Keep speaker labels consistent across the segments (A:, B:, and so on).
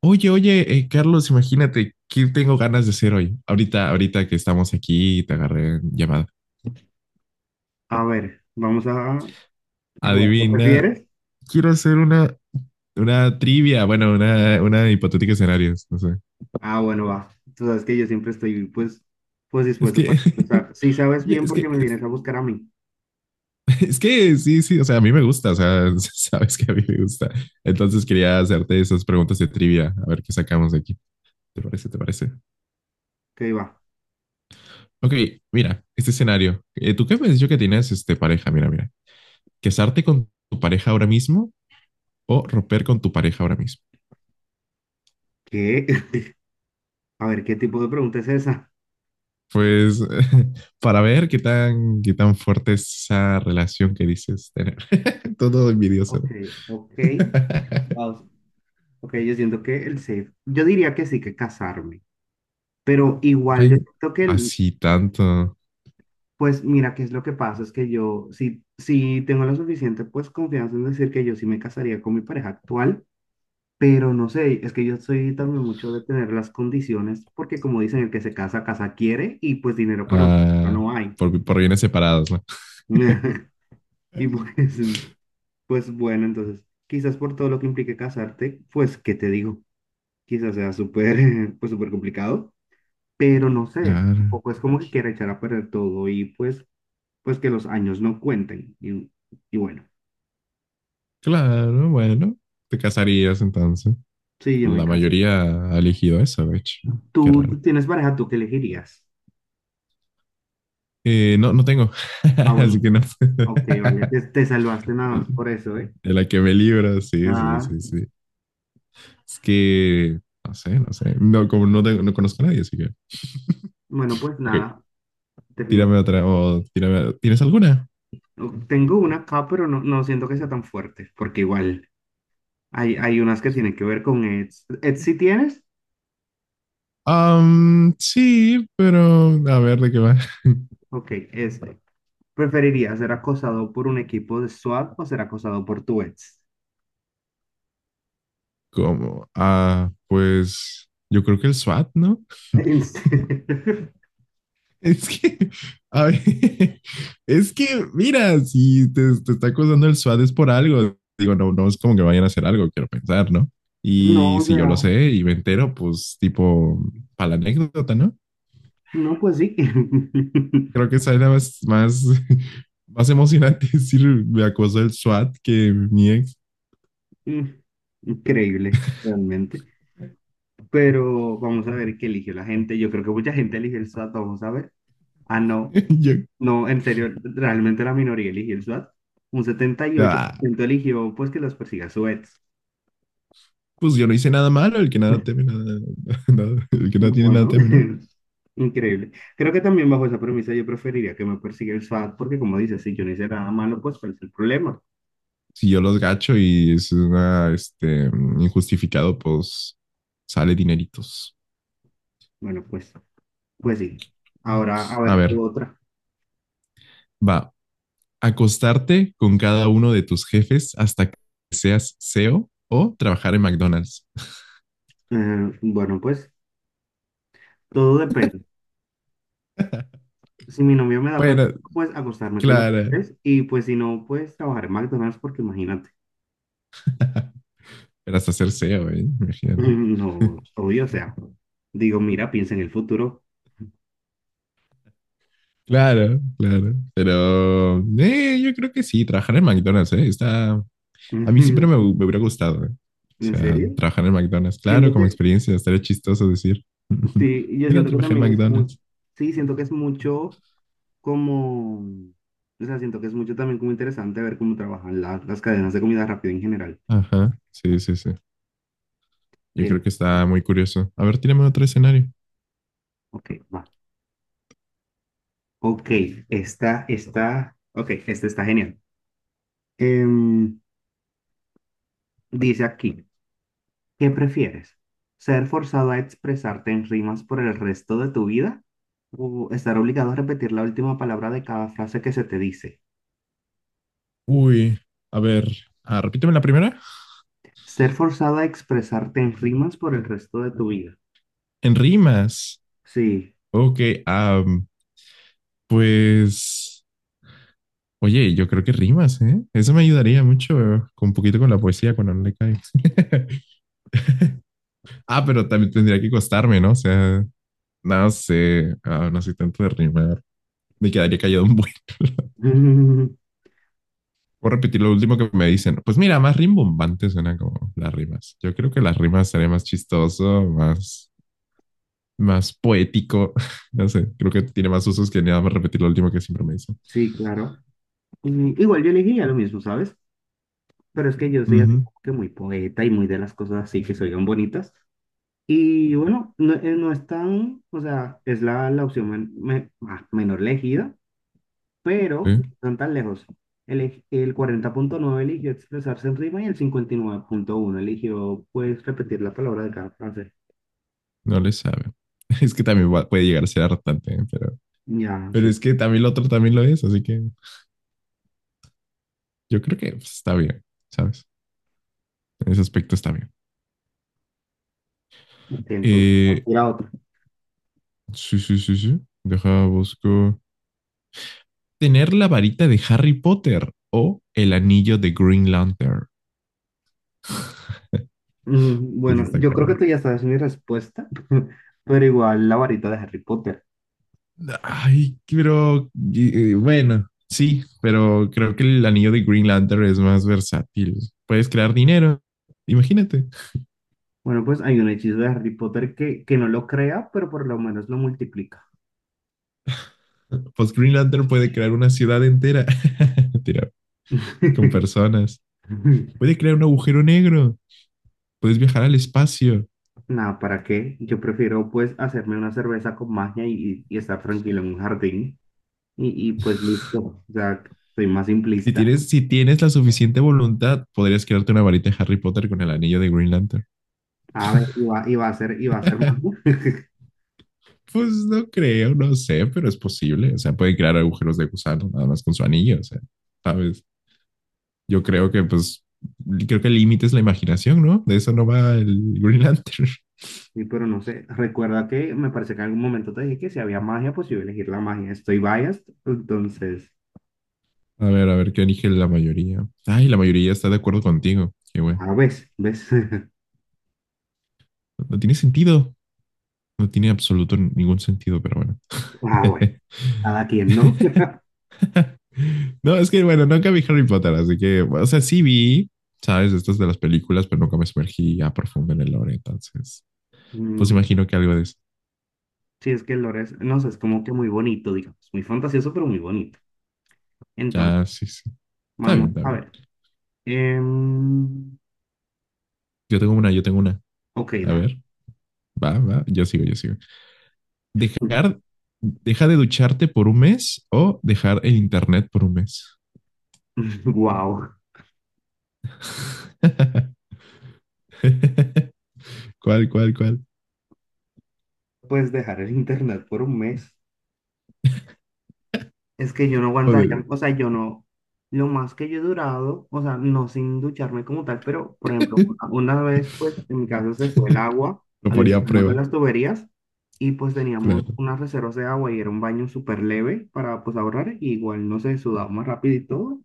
A: Oye, oye, Carlos, imagínate, ¿qué tengo ganas de hacer hoy? Ahorita que estamos aquí, y te agarré en llamada.
B: A ver, vamos a jugar. ¿Qué
A: Adivina,
B: prefieres?
A: quiero hacer una trivia, bueno, una hipotética escenarios, no sé.
B: Ah, bueno, va. Tú sabes que yo siempre estoy, pues, pues
A: Es
B: dispuesto
A: que,
B: para empezar. Si sabes
A: oye,
B: bien porque me vienes a buscar a mí.
A: es que sí, sí, o sea, a mí me gusta, o sea, sabes que a mí me gusta. Entonces quería hacerte esas preguntas de trivia, a ver qué sacamos de aquí. ¿Te parece? ¿Te parece?
B: Ok, va.
A: Ok, mira, este escenario. ¿Tú qué me has dicho que tienes este, pareja? Mira, mira. ¿Casarte con tu pareja ahora mismo? ¿O romper con tu pareja ahora mismo?
B: ¿Qué? A ver, ¿qué tipo de pregunta es esa?
A: Pues para ver qué tan fuerte es esa relación que dices tener. Todo envidioso. ¿No?
B: Ok, ok. Vamos. Ok, yo siento que el safe. Yo diría que sí, que casarme. Pero igual yo
A: Ay,
B: siento que,
A: así tanto.
B: pues, mira, qué es lo que pasa, es que yo sí tengo la suficiente, pues, confianza en decir que yo sí me casaría con mi pareja actual. Pero no sé, es que yo soy también mucho de tener las condiciones, porque como dicen, el que se casa, casa quiere, y pues dinero para una casa
A: Ah,
B: no hay.
A: por bienes separados, ¿no?
B: Y pues, pues bueno, entonces, quizás por todo lo que implique casarte, pues, ¿qué te digo? Quizás sea súper, pues súper complicado, pero no sé,
A: Claro,
B: tampoco es como que quiera echar a perder todo y pues, pues que los años no cuenten. Y bueno,
A: claro, bueno. Te casarías entonces.
B: sí, yo me
A: La
B: caso.
A: mayoría ha elegido eso, de hecho. Qué
B: ¿Tú, tú
A: raro.
B: tienes pareja, tú qué elegirías?
A: No, no tengo.
B: Ah,
A: Así
B: bueno,
A: que no.
B: ok, vale, te salvaste nada más por eso, ¿eh?
A: De la que me libro, sí, sí,
B: Ah,
A: sí, sí. Es que, no sé, no sé. No, como no, tengo- no conozco a nadie, así que.
B: bueno, pues
A: Ok,
B: nada, definit-
A: tírame otra. O tírame- ¿Tienes alguna?
B: tengo una acá, pero no, no siento que sea tan fuerte, porque igual hay unas que
A: Pues,
B: tienen que ver con Eds. ¿Eds si tienes?
A: sí, pero a ver de qué va.
B: Ok, este. ¿Preferirías ser acosado por un equipo de SWAT o ser acosado por tu ex?
A: ¿Cómo? Ah, pues yo creo que el SWAT, ¿no?
B: En serio.
A: Es que, a ver, es que, mira, si te está acusando el SWAT es por algo. Digo, no, no es como que vayan a hacer algo, quiero pensar, ¿no?
B: No,
A: Y
B: o
A: si yo lo
B: sea,
A: sé y me entero, pues tipo, para la anécdota, ¿no?
B: no, pues sí.
A: Creo que esa era más emocionante decir me acosó el SWAT que mi ex.
B: Increíble, realmente. Pero vamos a ver qué eligió la gente. Yo creo que mucha gente eligió el SWAT, vamos a ver. Ah, no.
A: Yo,
B: No, en serio, realmente la minoría eligió el SWAT. Un setenta y ocho por
A: ah,
B: ciento eligió pues que los persiga su
A: pues yo no hice nada malo, el que nada teme, nada, nada- el que no tiene nada
B: bueno,
A: teme, ¿no?
B: increíble. Creo que también bajo esa premisa yo preferiría que me persiga el SWAT porque como dices, si yo no hice nada malo, pues cuál es el problema.
A: Si yo los gacho y es una, este, injustificado, pues sale dineritos.
B: Bueno, pues, pues sí. Ahora, a
A: A
B: ver, tú
A: ver,
B: otra.
A: va. Acostarte con cada uno de tus jefes hasta que seas CEO o trabajar en McDonald's.
B: Bueno, pues todo depende. Si mi novio me da permiso,
A: Bueno,
B: pues acostarme con los
A: claro.
B: jefes y pues si no, pues trabajar en McDonald's porque imagínate.
A: Pero hasta ser CEO, ¿eh? Imagínate.
B: No, obvio, o sea, digo, mira, piensa en el futuro.
A: Claro, claro. Pero yo creo que sí, trabajar en McDonald's, está... A mí siempre
B: ¿En
A: me, hu- me hubiera gustado, eh. O sea,
B: serio?
A: trabajar en McDonald's, claro,
B: Siento
A: como
B: que,
A: experiencia, estaría chistoso decir,
B: sí, yo
A: mira,
B: siento que
A: trabajé en
B: también es muy,
A: McDonald's.
B: sí, siento que es mucho como, o sea, siento que es mucho también como interesante ver cómo trabajan las cadenas de comida rápida en general.
A: Ajá, sí, sí, sí. Yo
B: Que,
A: creo que está muy curioso. A ver, tírame otro escenario.
B: ok, va. Ok, ok, esta está genial. Em, dice aquí. ¿Qué prefieres? ¿Ser forzado a expresarte en rimas por el resto de tu vida? ¿O estar obligado a repetir la última palabra de cada frase que se te dice?
A: Uy, a ver, ah, repíteme la primera.
B: Ser forzado a expresarte en rimas por el resto de tu vida.
A: En rimas.
B: Sí.
A: Ok, am, pues, oye, yo creo que rimas, ¿eh? Eso me ayudaría mucho, con un poquito con la poesía cuando no le cae. Ah, pero también tendría que costarme, ¿no? O sea, no sé, ah, no soy tanto de rimar. Me quedaría callado un buen. Voy a repetir lo último que me dicen. Pues mira, más rimbombante suena como las rimas. Yo creo que las rimas sería más chistoso, más, más poético. No sé, creo que tiene más usos que nada más repetir lo último que siempre me dicen.
B: Sí, claro. Y igual yo elegiría lo mismo, ¿sabes? Pero es que yo soy así
A: Ujú,
B: como que muy poeta y muy de las cosas así que se oigan bonitas. Y bueno, no, no es tan, o sea, es la opción menor elegida,
A: sí,
B: pero no están tan lejos. El 40.9 eligió expresarse en rima y el 59.1 eligió, pues, repetir la palabra de cada frase.
A: no le sabe. Es que también va- puede llegar a ser hartante, ¿eh? pero,
B: Ya,
A: pero
B: sí.
A: es que también lo otro también lo es, así que yo creo que pues, está bien, ¿sabes? En ese aspecto está bien.
B: Entonces,
A: Eh,
B: tira otra.
A: Sí, sí, sí, sí. Deja, busco. Tener la varita de Harry Potter o el anillo de Green Lantern.
B: Mm,
A: Eso
B: bueno,
A: está
B: yo creo que
A: cabrón.
B: tú ya sabes mi respuesta, pero igual la varita de Harry Potter.
A: Ay, pero y- bueno, sí, pero creo que el anillo de Green Lantern es más versátil. Puedes crear dinero. Imagínate.
B: Bueno, pues hay un hechizo de Harry Potter que no lo crea, pero por lo menos lo multiplica.
A: Pues Green Lantern puede crear una ciudad entera. Mentira, con personas. Puede crear un agujero negro. Puedes viajar al espacio.
B: Nada, ¿para qué? Yo prefiero pues hacerme una cerveza con magia y estar tranquilo en un jardín. Y pues listo, o sea, soy más
A: Si
B: simplista.
A: tienes, si tienes la suficiente voluntad, podrías crearte una varita de Harry Potter con el anillo de Green Lantern.
B: A ver, iba a ser magia,
A: Pues no creo, no sé, pero es posible. O sea, pueden crear agujeros de gusano nada más con su anillo, o sea, ¿sabes? Yo creo que, pues, creo que el límite es la imaginación, ¿no? De eso no va el Green Lantern.
B: sí, pero no sé. Recuerda que me parece que en algún momento te dije que si había magia, pues yo iba a elegir la magia. Estoy biased, entonces,
A: A ver, ¿qué elige la mayoría? Ay, la mayoría está de acuerdo contigo. Qué bueno.
B: a ves, ves.
A: No no tiene sentido. No tiene absoluto ningún sentido, pero bueno.
B: Ah, bueno, cada quien, ¿no?
A: No, es que, bueno, nunca vi Harry Potter, así que, o sea, sí vi, ¿sabes? Estas de las películas, pero nunca me sumergí a profundo en el lore, entonces. Pues
B: Mm,
A: imagino que algo de eso.
B: sí, es que el lore es, no sé, es como que muy bonito, digamos, muy fantasioso, pero muy bonito. Entonces,
A: Ya, sí, sí. Está bien,
B: vamos,
A: está
B: a
A: bien.
B: ver. em,
A: Yo tengo una, yo tengo una.
B: ok,
A: A
B: da.
A: ver, va, va, yo sigo. Dejar, deja de ducharte por un mes o dejar el internet por un mes.
B: Wow,
A: ¿Cuál, cuál, cuál?
B: puedes dejar el internet por un mes. Es que yo no
A: Joder.
B: aguantaría, o sea, yo no, lo más que yo he durado, o sea, no sin ducharme como tal, pero por ejemplo, una vez, pues en mi casa se fue el agua,
A: Lo
B: había un
A: ponía a
B: problema con
A: prueba,
B: las tuberías y pues teníamos
A: claro.
B: unas reservas de agua y era un baño súper leve para pues ahorrar, y igual no se sudaba más rápido y todo,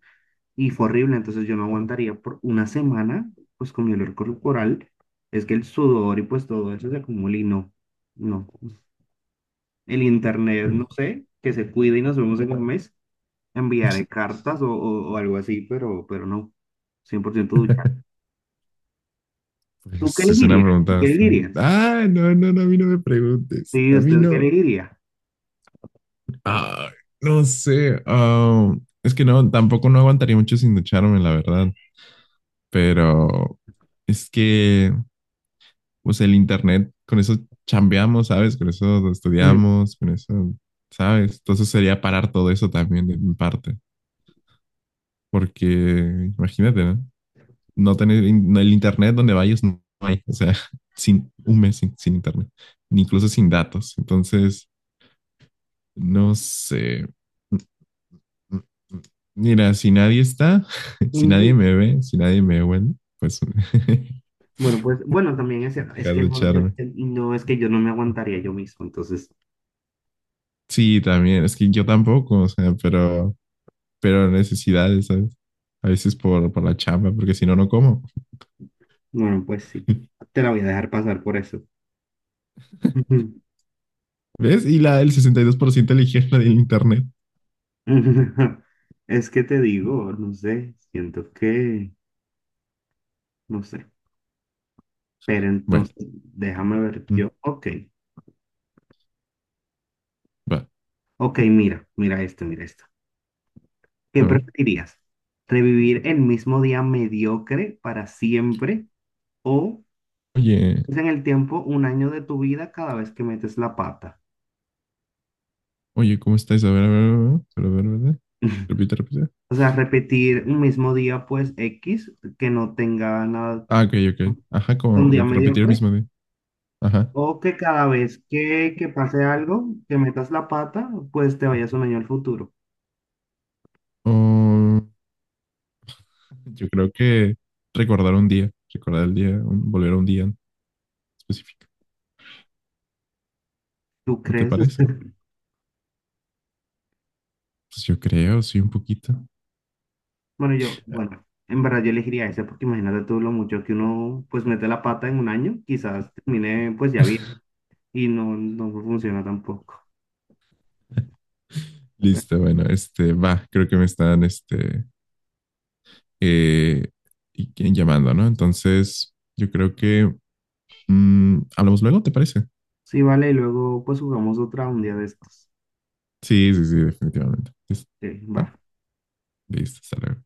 B: y fue horrible, entonces yo no aguantaría por una semana, pues con mi olor corporal, es que el sudor y pues todo eso se acumula y no, no. El internet, no sé, que se cuide y nos vemos en un mes, enviaré cartas o, o algo así, pero no, 100% ducha. ¿Tú qué
A: Pues es una
B: elegirías? ¿Tú
A: pregunta
B: qué
A: bastante-
B: elegirías?
A: Ah, no, no, no, a mí no me preguntes.
B: Sí,
A: A mí
B: ¿usted qué
A: no.
B: elegiría?
A: Ah, no sé. Ah, es que no, tampoco no aguantaría mucho sin ducharme, la verdad. Pero es que, pues el internet, con eso chambeamos, ¿sabes? Con eso
B: Ujú.
A: estudiamos, con eso, ¿sabes? Entonces sería parar todo eso también de mi parte, porque imagínate, ¿no? No tener in- no, el internet donde vayas no hay, o sea, sin un mes sin internet, ni incluso sin datos. Entonces, no sé. Mira, si nadie está, si nadie
B: Ujú.
A: me ve, si nadie me huele, pues
B: Bueno, pues, bueno, también es cierto, es
A: dejar
B: que
A: de
B: no,
A: echarme.
B: no, es que yo no me aguantaría yo mismo, entonces,
A: Sí, también, es que yo tampoco, o sea, pero necesidades, ¿sabes? A veces por la chamba, porque si no, no como.
B: bueno, pues sí, te la voy a dejar pasar por eso. Ujú.
A: ¿Ves? Y la, el 62% eligió la del internet.
B: Es que te digo, no sé, siento que, no sé, pero
A: Bueno,
B: entonces, déjame ver
A: mm,
B: yo, ok,
A: va,
B: ok, mira, mira esto, mira esto. ¿Qué
A: a ver.
B: preferirías? ¿Revivir el mismo día mediocre para siempre o
A: Oye,
B: es en el tiempo un año de tu vida cada vez que metes la pata?
A: oye, ¿cómo estáis? A ver, a ver, a ver, solo a ver, ¿verdad? Repite, repite.
B: O sea, repetir un mismo día, pues X, que no tenga nada,
A: Ah, ok, ok. Ajá, como
B: un día
A: yo que repetir el
B: mediocre,
A: mismo día. Ajá.
B: o que cada vez que pase algo, que metas la pata, pues te vayas un año al futuro.
A: Oh, yo creo que recordar un día, recordar el día, un- volver a un día específico.
B: ¿Tú
A: ¿No te
B: crees?
A: parece? Pues yo creo, sí, un poquito.
B: Bueno, yo, bueno, en verdad yo elegiría ese porque imagínate tú lo mucho que uno pues mete la pata en un año, quizás termine pues ya bien. Y no, no funciona tampoco. Pero
A: Listo, bueno, este va, creo que me están este eh, y llamando, ¿no? Entonces, yo creo que mm, hablamos luego, ¿te parece?
B: sí, vale, y luego pues jugamos otra un día de estos.
A: Sí, sí, sí, definitivamente. Listo,
B: Sí, va.
A: va, listo, hasta luego.